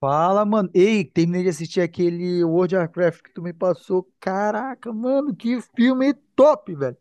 Fala, mano. Ei, terminei de assistir aquele World of Warcraft que tu me passou. Caraca, mano, que filme top, velho.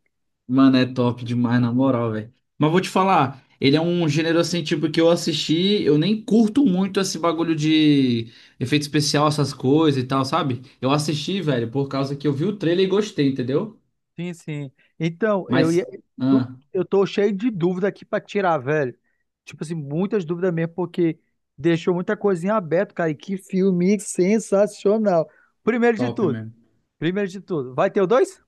Mano, é top demais, na moral, velho. Mas vou te falar, ele é um gênero assim, tipo, que eu assisti, eu nem curto muito esse bagulho de efeito especial, essas coisas e tal, sabe? Eu assisti, velho, por causa que eu vi o trailer e gostei, entendeu? Sim, sim. Então, eu ia, Mas, tu- ah, eu tô cheio de dúvida aqui pra tirar, velho. Tipo assim, muitas dúvidas mesmo, porque deixou muita coisinha aberta, cara. E que filme sensacional. Primeiro de Top tudo, mesmo. primeiro de tudo, vai ter o dois?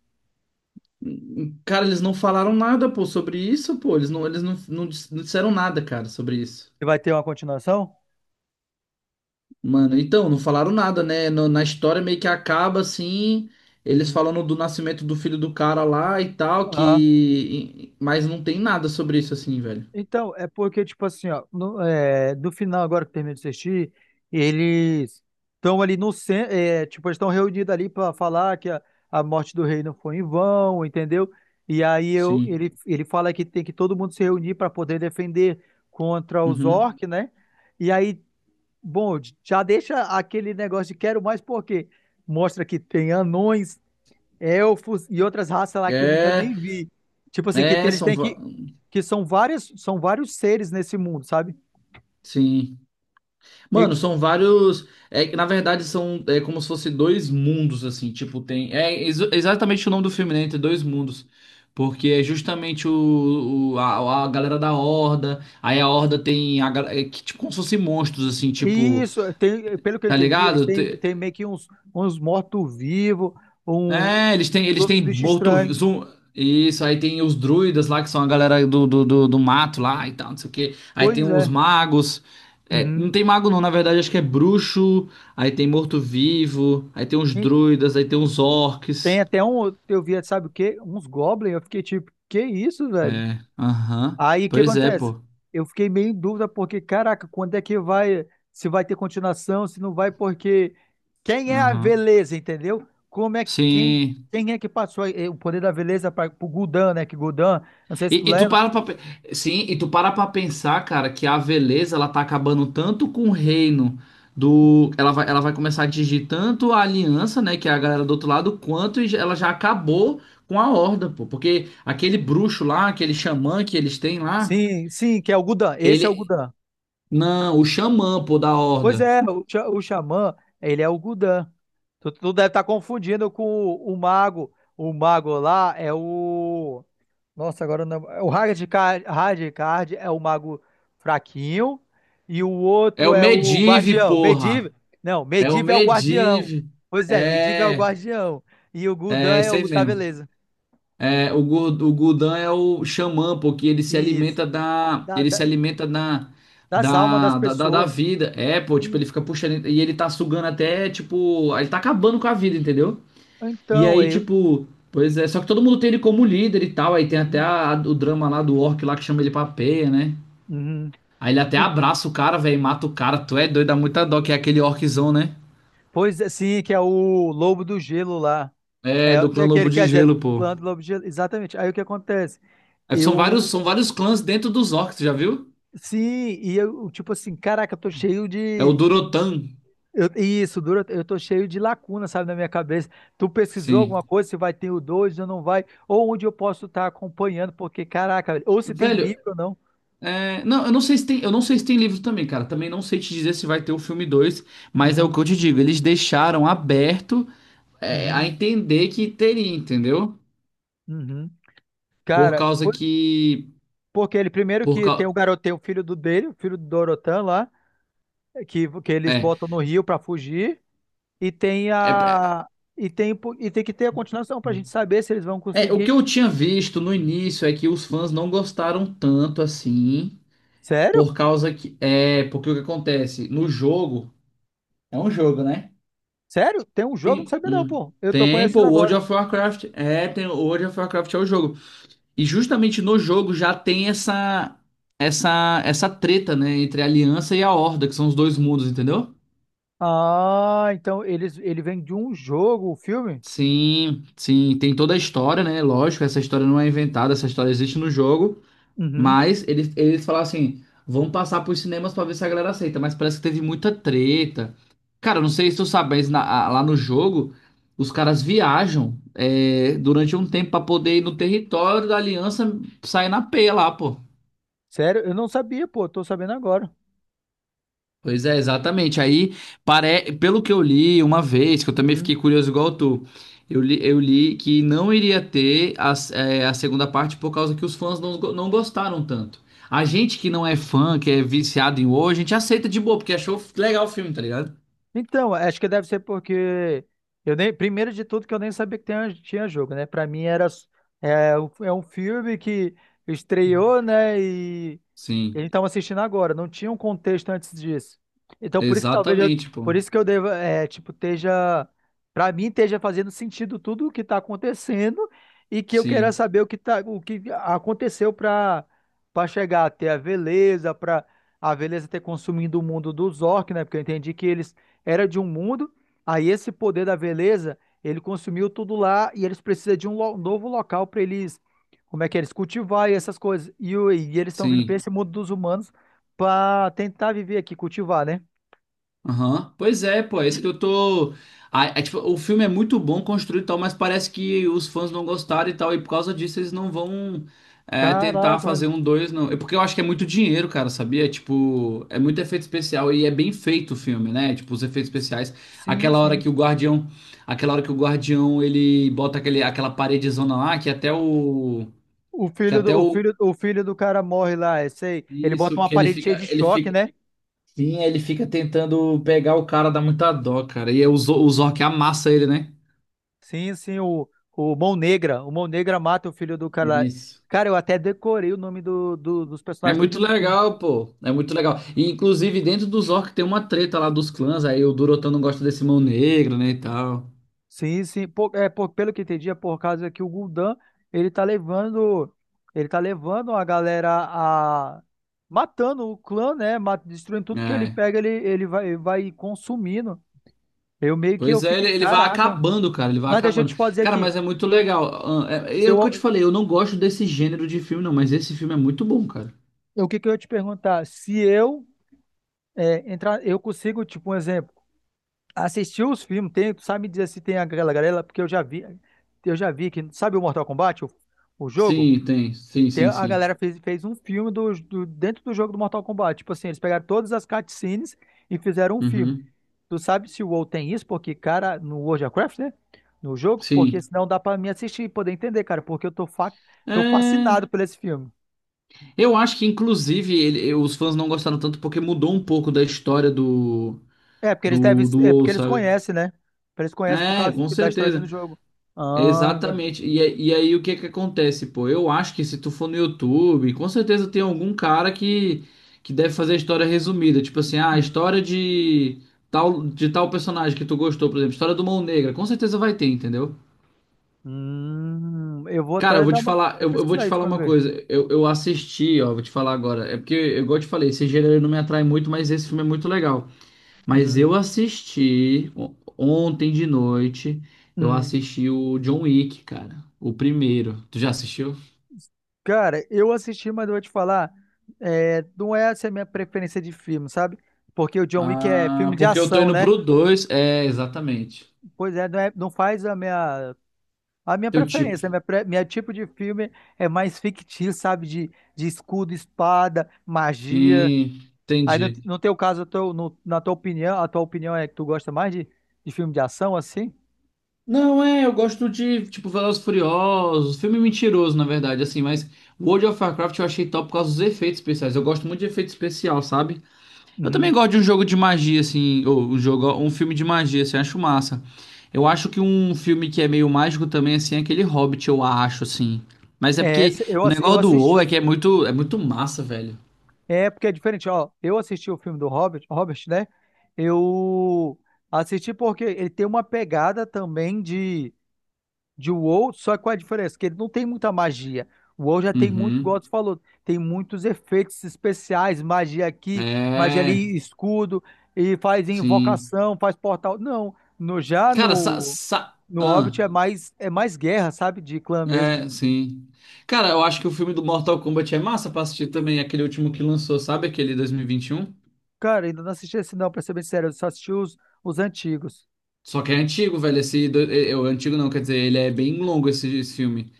Cara, eles não falaram nada, pô, sobre isso, pô. Eles não, não não disseram nada, cara, sobre isso. Vai ter uma continuação? Mano, então, não falaram nada, né? Na história meio que acaba assim, eles Hum. falando do nascimento do filho do cara lá e tal, que. Mas não tem nada sobre isso assim, velho. Então, é porque, tipo assim, ó, no, é, do final agora que termina de assistir, eles estão ali no centro, é, tipo, eles estão reunidos ali para falar que a morte do rei não foi em vão, entendeu? E aí eu, Sim. ele, ele fala que tem que todo mundo se reunir para poder defender contra os Uhum. orcs, né? E aí, bom, já deixa aquele negócio de quero mais porque mostra que tem anões, elfos e outras raças lá que eu nunca É, nem vi. Tipo assim, que tem- é, eles são. têm que. Que são várias, são vários seres nesse mundo, sabe? Sim. E, Mano, são vários. É, que, na verdade, são, como se fosse dois mundos, assim. Tipo, tem. É exatamente o nome do filme, né? Entre dois mundos. Porque é justamente a galera da Horda. Aí a Horda tem. Que, tipo, como se fossem monstros, assim, e tipo. isso, tem, pelo que eu Tá entendi, eles ligado? têm, têm meio que uns, uns mortos-vivos, um, É, uns eles outros têm bichos morto. estranhos. Isso, aí tem os druidas lá, que são a galera do mato lá e tal, não sei o quê. Aí tem Pois os é. magos. É, Uhum. não tem mago não, na verdade, acho que é bruxo. Aí tem morto-vivo. Aí tem os E druidas, aí tem os tem orcs. até um. Eu vi, sabe o quê? Uns goblins. Eu fiquei tipo, que isso, velho? É, aham. Aí o que Pois é, acontece? pô. Eu fiquei meio em dúvida porque, caraca, quando é que vai, se vai ter continuação, se não vai, porque quem é a Aham. veleza, entendeu? Como é quem, Sim. quem é que passou o poder da veleza para o Gudan, né? Que Gudan, não sei se tu E tu lembra. para pra, pe- Sim, e tu para pra pensar, cara, que a Veleza ela tá acabando tanto com o reino ela vai, começar a atingir tanto a aliança, né, que é a galera do outro lado, quanto ela já acabou com a Horda, pô, porque aquele bruxo lá, aquele xamã que eles têm lá, Sim, sim, que é o Gudan. Esse é o ele, Gudan. não, o xamã, pô, da Pois Horda, é, o, o xamã, ele é o Gudan. Tu deve estar confundindo com o mago. O mago lá é o. Nossa, agora não. É o Hardcard, Hardcard é o mago fraquinho. E o é outro o é o Medivh, guardião. Medivh. porra, Não, é o Medivh é o guardião. Medivh, Pois é, Medivh é o é, guardião. E o Gudan é é isso aí o da mesmo. beleza. O Gurdan é o xamã, porque ele se Isso. alimenta da. Da- Ele se da- alimenta da. Das almas das Da pessoas. vida. É, pô, tipo, E- ele fica puxando. E ele tá sugando até, tipo. Ele tá acabando com a vida, entendeu? E então, aí, eu. tipo. Pois é, só que todo mundo tem ele como líder e tal. Aí tem até Uhum. O drama lá do Orc lá que chama ele pra peia, né? Uhum. Aí ele até abraça o cara, velho, e mata o cara. Tu é doido, dá muita dó, que é aquele orczão, né? Pois é, sim, que é o Lobo do Gelo lá. É, É, do clã é que Lobo ele de quer dizer, Gelo, do pô. clã do Lobo do Gelo. Exatamente. Aí o que acontece? É, Eu, são vários clãs dentro dos orcs, já viu? sim, e eu, tipo assim, caraca, eu tô cheio É o de. Durotan, Isso, dura, eu tô cheio de lacuna, sabe, na minha cabeça. Tu pesquisou sim. alguma coisa, se vai ter o 2 ou não vai, ou onde eu posso estar acompanhando, porque, caraca, velho, ou se tem Velho, livro ou não. Não, eu não sei se tem, eu não sei se tem livro também, cara. Também não sei te dizer se vai ter o filme dois, mas é o Uhum, que eu te digo, eles deixaram aberto, a uhum, entender que teria, entendeu? uhum. Por Cara, causa que, porque ele primeiro por que tem o cau- garoto, tem o filho do dele, o filho do Dorotan lá, que eles é, botam no rio pra fugir. E tem é, é, a. E tem, e tem que ter a continuação pra gente saber se eles vão é, O que conseguir. eu tinha visto no início é que os fãs não gostaram tanto assim, por Sério? causa que, porque o que acontece no jogo, é um jogo, né? Sério? Tem um jogo? Não Tem, sabia não, um, pô. Eu tô Tem, pô, conhecendo World agora. of Warcraft, o World of Warcraft é o jogo. E justamente no jogo já tem essa essa treta, né, entre a Aliança e a Horda, que são os dois mundos, entendeu? Ah, então eles, ele vem de um jogo, o filme? Sim, sim, tem toda a história, né? Lógico, essa história não é inventada, essa história existe no jogo, Uhum. mas eles falaram assim, vamos passar pros cinemas pra ver se a galera aceita, mas parece que teve muita treta. Cara, eu não sei se tu sabe, mas lá no jogo os caras viajam, durante um tempo pra poder ir no território da Aliança sair na P lá, pô. Sério? Eu não sabia, pô. Tô sabendo agora. Pois é, exatamente. Aí, pelo que eu li uma vez, que eu também Uhum. fiquei curioso igual tu, eu li que não iria ter a, a segunda parte por causa que os fãs não, não gostaram tanto. A gente que não é fã, que é viciado em horror, a gente aceita de boa, porque achou legal o filme, tá ligado? Então, acho que deve ser porque. Eu nem, primeiro de tudo, que eu nem sabia que tinha jogo, né? Pra mim era. É, é um filme que estreou, né? E, e a Sim, gente estava assistindo agora, não tinha um contexto antes disso. Então, por isso que talvez eu, exatamente, pô. por isso que eu deva, é, tipo, esteja, para mim, esteja fazendo sentido tudo o que está acontecendo e que eu queira Sim, saber o que tá, o que aconteceu para chegar até a Veleza, para a Veleza ter consumido o mundo dos orcs, né? Porque eu entendi que eles era de um mundo, aí esse poder da Veleza, ele consumiu tudo lá e eles precisam de um novo local para eles como é que é eles cultivar e essas coisas. E, e eles estão vindo para sim. esse mundo dos humanos para tentar viver aqui, cultivar, né? Aham. Pois é, pô, é isso que eu tô. Ah, é, tipo, o filme é muito bom construído e tal, mas parece que os fãs não gostaram e tal, e por causa disso eles não vão, tentar Caraca, fazer velho. um dois não. É porque eu acho que é muito dinheiro, cara, sabia? Tipo, é muito efeito especial e é bem feito o filme, né? Tipo, os efeitos especiais. Sim, Aquela hora sim. que o guardião. Aquela hora que o guardião ele bota aquele, aquela paredezona lá, que até o. O Que filho até do, o o. filho, o filho do cara morre lá, esse aí. Ele bota Isso, uma que ele parede cheia fica, de choque, né? sim, ele fica tentando pegar o cara, dá muita dó, cara. E é o o Zork amassa ele, né? Sim, sim, o Mão Negra. O Mão Negra mata o filho do cara lá. Isso. Cara, eu até decorei o nome do, dos É personagens muito tudinho do filme. legal, pô. É muito legal. E, inclusive, dentro do Zork tem uma treta lá dos clãs. Aí o Durotan não gosta desse mão negra, né, e tal. Sim, sim. É, pelo que entendi, é por causa que o Gul'dan, ele tá levando, ele tá levando a galera a matando o clã, né? Destruindo tudo que ele É. pega, ele vai consumindo. Eu meio que eu Pois é, fiquei, ele vai caraca. acabando, cara. Ele vai Mas deixa eu acabando. te fazer Cara, aqui. mas é muito legal. Ah, É, Se é o que eu te eu, falei, eu não gosto desse gênero de filme, não. Mas esse filme é muito bom, cara. o que que eu ia te perguntar? Se eu é, entrar, eu consigo, tipo, um exemplo, assistir os filmes, tem, tu sabe me dizer se tem aquela galera, porque eu já vi que, sabe o Mortal Kombat, o jogo? Sim, tem. Sim, sim, A sim. galera fez, fez um filme do, dentro do jogo do Mortal Kombat. Tipo assim, eles pegaram todas as cutscenes e fizeram um filme. Uhum. Tu sabe se o WoW tem isso? Porque, cara, no World of Warcraft, né? No jogo, porque Sim. senão dá pra me assistir e poder entender, cara. Porque eu tô, fa tô É. fascinado por esse filme. Eu acho que, inclusive, os fãs não gostaram tanto porque mudou um pouco da história É, porque eles devem. Do É WoW, porque eles sabe? conhecem, né? Eles conhecem por É, causa com da história dentro do certeza. jogo. Ah, agora. Exatamente. E aí, o que que acontece, pô? Eu acho que se tu for no YouTube, com certeza tem algum cara que deve fazer a história resumida. Tipo assim, ah, a Uhum. história de tal personagem que tu gostou, por exemplo, história do Mão Negra. Com certeza vai ter, entendeu? Eu vou Cara, eu até vou dar te uma. falar, Até eu vou te pesquisar isso falar pra me uma ver. coisa. Eu assisti, ó, vou te falar agora. É porque, igual eu te falei, esse gênero não me atrai muito, mas esse filme é muito legal. Mas Uhum. eu assisti ontem de noite, eu Uhum. assisti o John Wick, cara. O primeiro. Tu já assistiu? Cara, eu assisti, mas eu vou te falar, é, não é essa a minha preferência de filme, sabe? Porque o John Wick é Ah, filme de porque eu tô ação, indo né? pro dois. É, exatamente. Pois é, não, não faz a minha Teu tipo. preferência. Minha, minha tipo de filme é mais fictício, sabe? De escudo, espada, magia. Hum, Aí no, entendi. no teu caso, eu na tua opinião, a tua opinião é que tu gosta mais de filme de ação, assim? Não, é, eu gosto de, tipo, Velozes e Furiosos, filme mentiroso, na verdade, assim, mas World of Warcraft eu achei top por causa dos efeitos especiais. Eu gosto muito de efeito especial, sabe? Eu também Uhum. gosto de um jogo de magia, assim, ou um jogo, um filme de magia, assim, eu acho massa. Eu acho que um filme que é meio mágico também, assim, é aquele Hobbit, eu acho, assim. Mas é É, porque eu, o negócio eu do WoW é que assisti. É muito massa, velho. É, porque é diferente, ó. Eu assisti o filme do Robert, Robert, né? Eu assisti porque ele tem uma pegada também de WoW, só que qual é a diferença? Que ele não tem muita magia. O WoW já tem muito, igual Uhum. você falou, tem muitos efeitos especiais, magia aqui, magia É, ali, escudo, e faz sim. invocação, faz portal. Não, no, já Cara, sa, no, sa, no Hobbit ahn. É mais guerra, sabe? De clã mesmo. É, sim. Cara, eu acho que o filme do Mortal Kombat é massa pra assistir também, aquele último que lançou, sabe? Aquele dois mil e vinte e um. Cara, ainda não assisti esse não, pra ser bem sério, eu só assisti os antigos. Só que é antigo, velho. Esse, do- é, é, O antigo não, quer dizer, ele é bem longo esse, esse filme.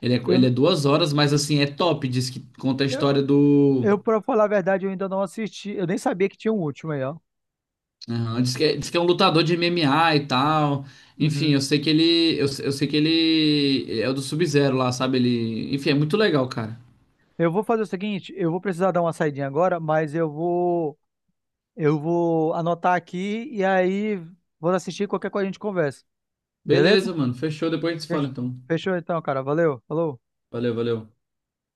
Ele é, ele Eu, é 2 horas, mas assim, é top. Diz que conta a eu, história do. Eu, pra falar a verdade, eu ainda não assisti. Eu nem sabia que tinha um último aí, ó. Aham, diz que, diz que é um lutador de MMA e tal. Enfim, Uhum. eu sei que ele. Eu sei que ele é o do Sub-Zero lá, sabe? Ele. Enfim, é muito legal, cara. Eu vou fazer o seguinte, eu vou precisar dar uma saidinha agora, mas eu vou anotar aqui e aí vou assistir qualquer coisa a gente conversa. Beleza? Beleza, mano. Fechou, depois a gente se fala Fech- então. Fechou então, cara. Valeu. Falou. Valeu, valeu.